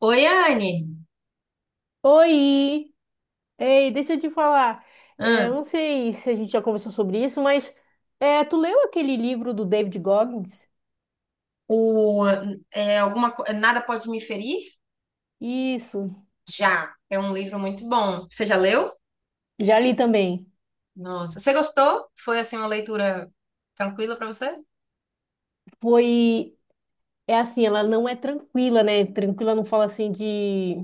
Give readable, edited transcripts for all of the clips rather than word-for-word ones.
Oi, Anne. Oi! Ei, deixa eu te falar. É, eu Hã? não sei se a gente já conversou sobre isso, mas é, tu leu aquele livro do David Goggins? O, é, alguma, co- Nada Pode Me Ferir? Isso, Já. É um livro muito bom. Você já leu? já li também. Nossa. Você gostou? Foi assim uma leitura tranquila para você? Foi, é assim, ela não é tranquila, né? Tranquila não fala assim de.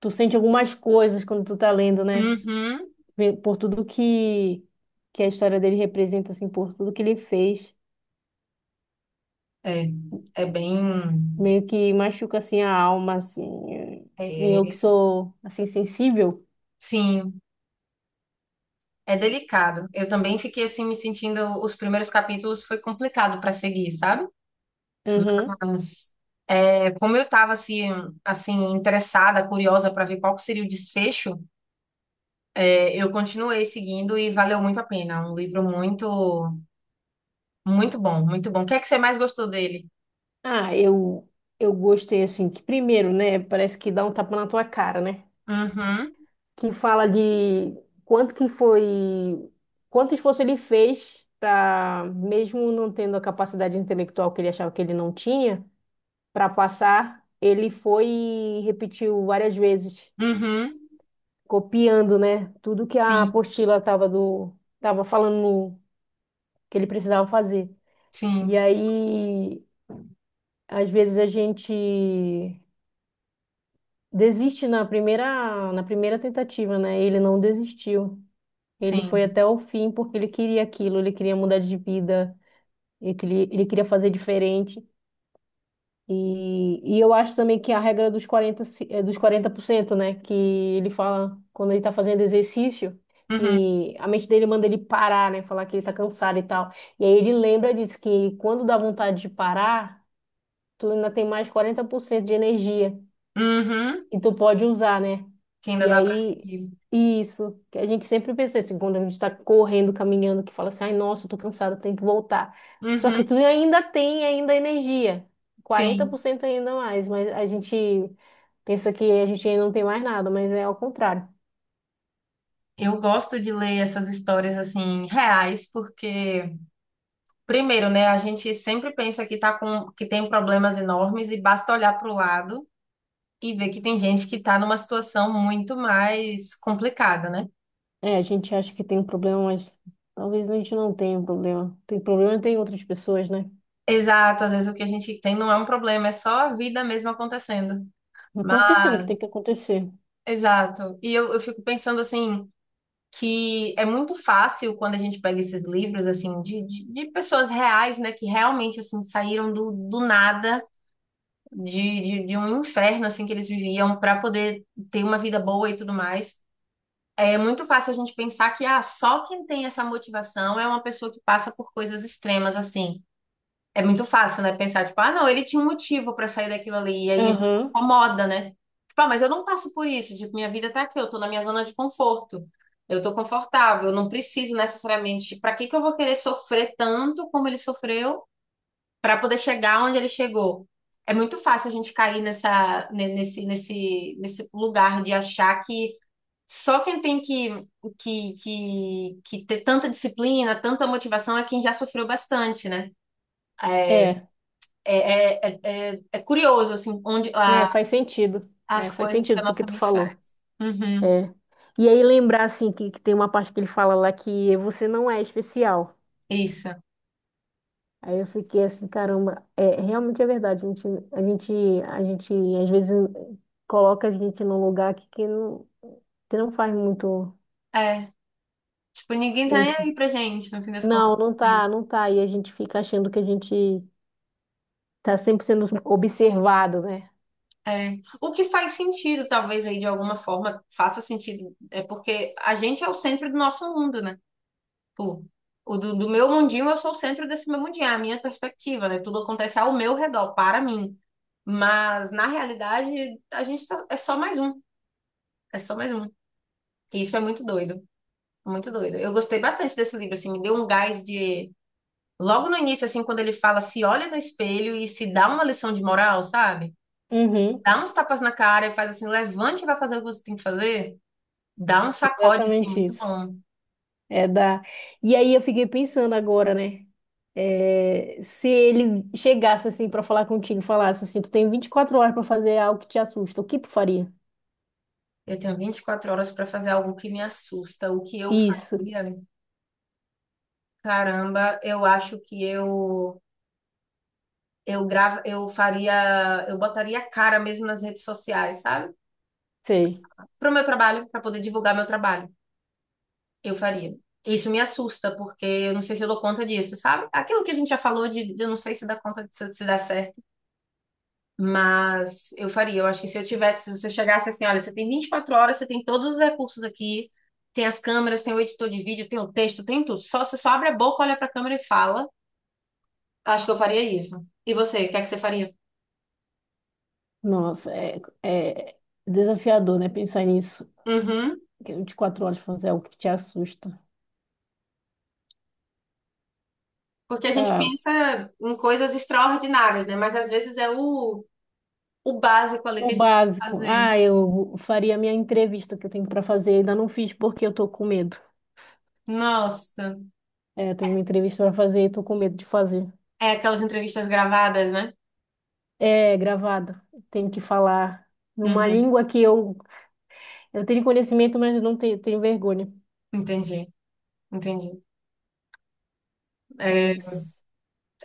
Tu sente algumas coisas quando tu tá lendo, né? Uhum. Por tudo que a história dele representa, assim, por tudo que ele fez. É, é bem. Meio que machuca, assim, a alma, assim. E eu que é, sou, assim, sensível. sim, é delicado. Eu também fiquei assim me sentindo. Os primeiros capítulos foi complicado para seguir, sabe? Mas é, como eu estava assim, assim interessada, curiosa para ver qual que seria o desfecho. É, eu continuei seguindo e valeu muito a pena. Um livro muito, muito bom, muito bom. O que é que você mais gostou dele? Ah, eu gostei assim, que primeiro, né, parece que dá um tapa na tua cara, né? Uhum, Que fala de quanto que foi, quanto esforço ele fez para, mesmo não tendo a capacidade intelectual que ele achava que ele não tinha, para passar, ele foi e repetiu várias vezes, uhum, copiando, né, tudo que a sim, apostila tava falando que ele precisava fazer. E sim, aí, às vezes a gente desiste na primeira tentativa, né? Ele não desistiu. Ele foi sim. até o fim porque ele queria aquilo, ele queria mudar de vida, ele queria fazer diferente. E eu acho também que a regra dos 40 se- eh, dos 40%, né? Que ele fala quando ele tá fazendo exercício, Uhum, que a mente dele manda ele parar, né? Falar que ele tá cansado e tal. E aí ele lembra disso, que quando dá vontade de parar, tu ainda tem mais 40% de energia. uhum, E tu pode usar, né? que ainda E dá para aí, seguir. isso, que a gente sempre pensa assim, quando a gente está correndo, caminhando, que fala assim, ai, nossa, eu tô cansada, tenho que voltar. Só que Uhum, tu ainda tem ainda energia, quarenta por sim. cento ainda mais, mas a gente pensa que a gente ainda não tem mais nada, mas é ao contrário. Eu gosto de ler essas histórias assim reais, porque primeiro, né, a gente sempre pensa que tá com que tem problemas enormes e basta olhar para o lado e ver que tem gente que tá numa situação muito mais complicada, né? É, a gente acha que tem um problema, mas talvez a gente não tenha um problema. Tem problema tem outras pessoas, né? Exato, às vezes o que a gente tem não é um problema, é só a vida mesmo acontecendo. Acontecendo o que tem que Mas, acontecer. exato. E eu fico pensando assim, que é muito fácil quando a gente pega esses livros assim de pessoas reais, né, que realmente assim saíram do nada, de um inferno assim que eles viviam para poder ter uma vida boa e tudo mais. É muito fácil a gente pensar que ah, só quem tem essa motivação é uma pessoa que passa por coisas extremas assim. É muito fácil, né? Pensar, tipo, ah, não, ele tinha um motivo pra sair daquilo ali. E aí a gente se Aham, incomoda, né? Tipo, ah, mas eu não passo por isso. Tipo, minha vida tá aqui, eu tô na minha zona de conforto. Eu tô confortável, eu não preciso necessariamente. Tipo, pra que que eu vou querer sofrer tanto como ele sofreu pra poder chegar onde ele chegou? É muito fácil a gente cair nessa, nesse lugar de achar que só quem tem que, que ter tanta disciplina, tanta motivação é quem já sofreu bastante, né? é, É, é, é curioso, assim, né? Faz sentido. É, as faz coisas que sentido a do que nossa tu mente faz. falou. Uhum, É. E aí lembrar assim que tem uma parte que ele fala lá que você não é especial. isso. Aí eu fiquei assim, caramba, é, realmente é verdade. A gente, a gente às vezes coloca a gente num lugar que não faz muito É. Tipo, ninguém tá nem sentido. aí pra gente, no fim das contas. Não, não Assim. tá, não tá. E a gente fica achando que a gente tá sempre sendo observado, né? É. O que faz sentido, talvez, aí, de alguma forma, faça sentido. É porque a gente é o centro do nosso mundo, né? Tipo, o do meu mundinho, eu sou o centro desse meu mundinho, é a minha perspectiva, né? Tudo acontece ao meu redor, para mim. Mas, na realidade, é só mais um. É só mais um. E isso é muito doido. Muito doido. Eu gostei bastante desse livro, assim, me deu um gás de. Logo no início, assim, quando ele fala, se olha no espelho e se dá uma lição de moral, sabe? Uhum, Dá uns tapas na cara e faz assim, levante e vai fazer o que você tem que fazer. Dá um sacode, assim, exatamente muito isso. bom. É da. E aí eu fiquei pensando agora, né? É, se ele chegasse assim pra falar contigo, falasse assim, tu tem 24 horas pra fazer algo que te assusta, o que tu faria? Eu tenho 24 horas para fazer algo que me assusta. O que eu Isso, faria? Caramba, eu acho que eu grava, eu faria, eu botaria a cara mesmo nas redes sociais, sabe? sei. Para o meu trabalho, para poder divulgar meu trabalho. Eu faria. Isso me assusta, porque eu não sei se eu dou conta disso, sabe? Aquilo que a gente já falou de eu não sei se dá conta, se dá certo, mas eu faria. Eu acho que se eu tivesse, se você chegasse assim, olha, você tem 24 horas, você tem todos os recursos aqui, tem as câmeras, tem o editor de vídeo, tem o texto, tem tudo. Só você só abre a boca, olha pra câmera e fala. Acho que eu faria isso. E você, o que é que você faria? Nossa, é desafiador, né? Pensar nisso. Uhum. Que é 24 horas pra fazer algo que te assusta. Porque a gente Ah, pensa em coisas extraordinárias, né? Mas às vezes é o básico ali o que a gente tem que básico. fazer. Ah, eu faria a minha entrevista que eu tenho pra fazer, ainda não fiz porque eu tô com medo. Nossa. É, eu tenho uma entrevista pra fazer e tô com medo de fazer. É, aquelas entrevistas gravadas, né? É gravado. Tenho que falar numa Uhum, língua que eu tenho conhecimento, mas eu não tenho, tenho vergonha. entendi, entendi. É É, isso.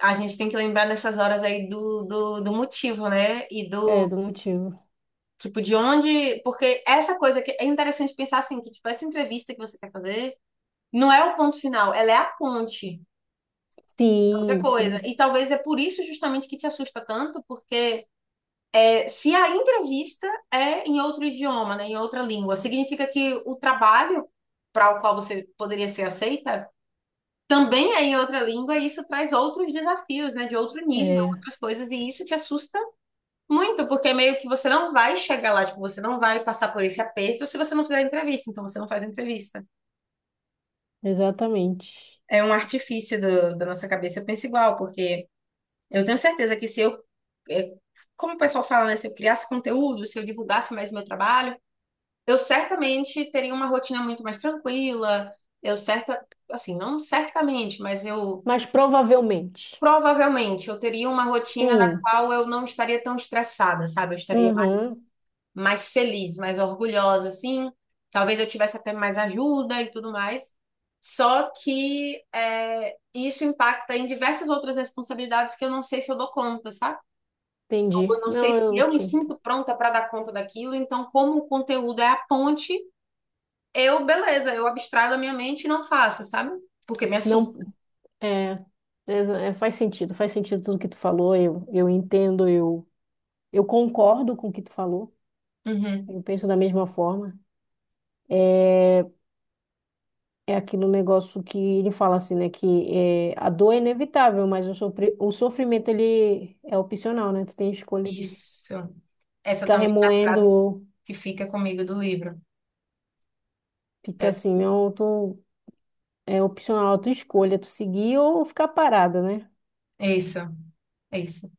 a gente tem que lembrar nessas horas aí do motivo, né? E É, do, do motivo. tipo, de onde... Porque essa coisa que é interessante pensar assim, que, tipo, essa entrevista que você quer fazer não é o ponto final, ela é a ponte, é outra Sim, coisa. sim. E talvez é por isso justamente que te assusta tanto, porque é, se a entrevista é em outro idioma, né? Em outra língua, significa que o trabalho para o qual você poderia ser aceita também é em outra língua e isso traz outros desafios, né, de outro nível, É, outras coisas, e isso te assusta muito, porque meio que você não vai chegar lá, tipo, você não vai passar por esse aperto se você não fizer entrevista, então você não faz entrevista. exatamente. É um artifício da nossa cabeça, eu penso igual, porque eu tenho certeza que se eu, é, como o pessoal fala, né, se eu criasse conteúdo, se eu divulgasse mais meu trabalho, eu certamente teria uma rotina muito mais tranquila, eu certa, não certamente, mas eu Mas provavelmente. provavelmente eu teria uma rotina na Sim. qual eu não estaria tão estressada, sabe? Eu estaria mais, Uhum, mais feliz, mais orgulhosa, assim. Talvez eu tivesse até mais ajuda e tudo mais. Só que é, isso impacta em diversas outras responsabilidades que eu não sei se eu dou conta, sabe? Ou entendi. eu não Não, sei se eu eu me te entendo. sinto pronta para dar conta daquilo. Então, como o conteúdo é a ponte, eu, beleza, eu abstraio da minha mente e não faço, sabe? Porque me assusta. Não, é, é, faz sentido. Faz sentido tudo que tu falou. Eu entendo, eu concordo com o que tu falou. Uhum. Eu penso da mesma forma. É, é aquele negócio que ele fala assim, né? Que é, a dor é inevitável, mas o sofrimento ele é opcional, né? Tu tem a escolha de Isso. Essa ficar também é a frase remoendo, que fica comigo do livro. fica É assim, não, tu é opcional a tua escolha, tu seguir ou ficar parada, né? isso, é isso.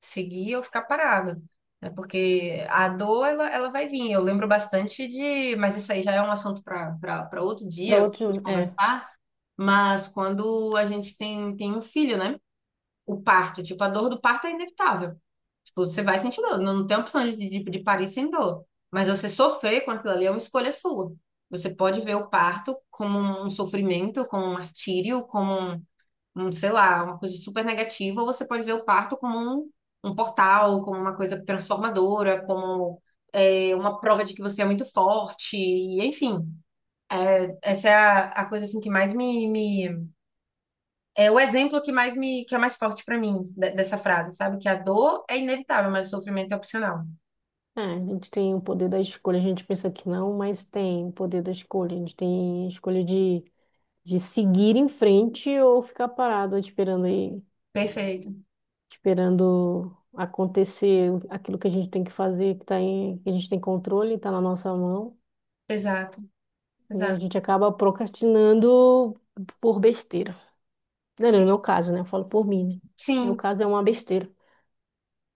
Seguir ou ficar parado. Né? Porque a dor, ela vai vir. Eu lembro bastante de. Mas isso aí já é um assunto para outro Para dia, outros, de é. conversar. Mas quando a gente tem, tem um filho, né? O parto, tipo, a dor do parto é inevitável. Tipo, você vai sentir dor. Não tem opção de parir sem dor. Mas você sofrer com aquilo ali é uma escolha sua. Você pode ver o parto como um sofrimento, como um martírio, como um, sei lá, uma coisa super negativa, ou você pode ver o parto como um, um portal, como uma coisa transformadora, como é, uma prova de que você é muito forte, e enfim. Essa é a coisa assim que mais me É o exemplo que mais me, que é mais forte pra mim dessa frase, sabe? Que a dor é inevitável, mas o sofrimento é opcional. É, a gente tem o poder da escolha, a gente pensa que não, mas tem o poder da escolha. A gente tem a escolha de seguir em frente ou ficar parado esperando aí Perfeito. esperando acontecer aquilo que a gente tem que fazer, que a gente tem controle, está na nossa mão, Exato, e a exato. gente acaba procrastinando por besteira. Não, não, no Sim, meu caso, né? Eu falo por mim, né? No meu sim. caso é uma besteira.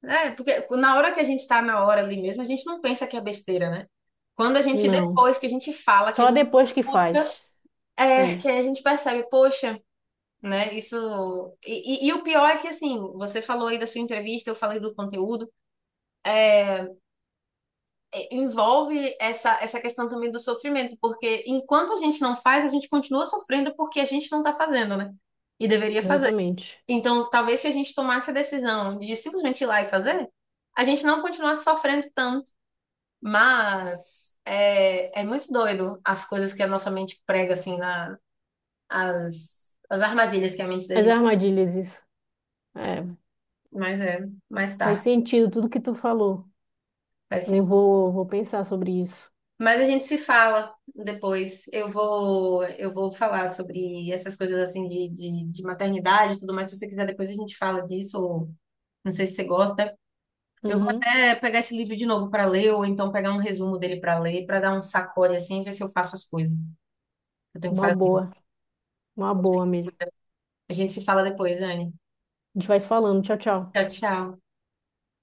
É, porque na hora que a gente tá na hora ali mesmo, a gente não pensa que é besteira, né? Quando a gente, Não. depois que a gente fala, que a Só gente depois que escuta faz. É, É, que aí a gente percebe, poxa, né? Isso. E o pior é que, assim, você falou aí da sua entrevista, eu falei do conteúdo, é, envolve essa questão também do sofrimento, porque enquanto a gente não faz, a gente continua sofrendo porque a gente não tá fazendo, né? E deveria fazer. exatamente. Então, talvez se a gente tomasse a decisão de simplesmente ir lá e fazer, a gente não continuasse sofrendo tanto. Mas é, é muito doido as coisas que a nossa mente prega, assim, na, as armadilhas que a mente da As gente armadilhas, isso. É, Mas é, mas faz tá, sentido tudo que tu falou. faz Eu sentido. vou, vou pensar sobre isso. Mas a gente se fala depois. Eu vou falar sobre essas coisas assim de maternidade e tudo mais. Se você quiser, depois a gente fala disso, ou não sei se você gosta. Eu vou Uhum. até pegar esse livro de novo para ler, ou então pegar um resumo dele para ler, para dar um sacode assim e ver se eu faço as coisas que eu tenho que Uma fazer. boa, uma boa mesmo. A gente se fala depois, Anne. A gente vai se falando. Tchau, tchau. Tchau, tchau.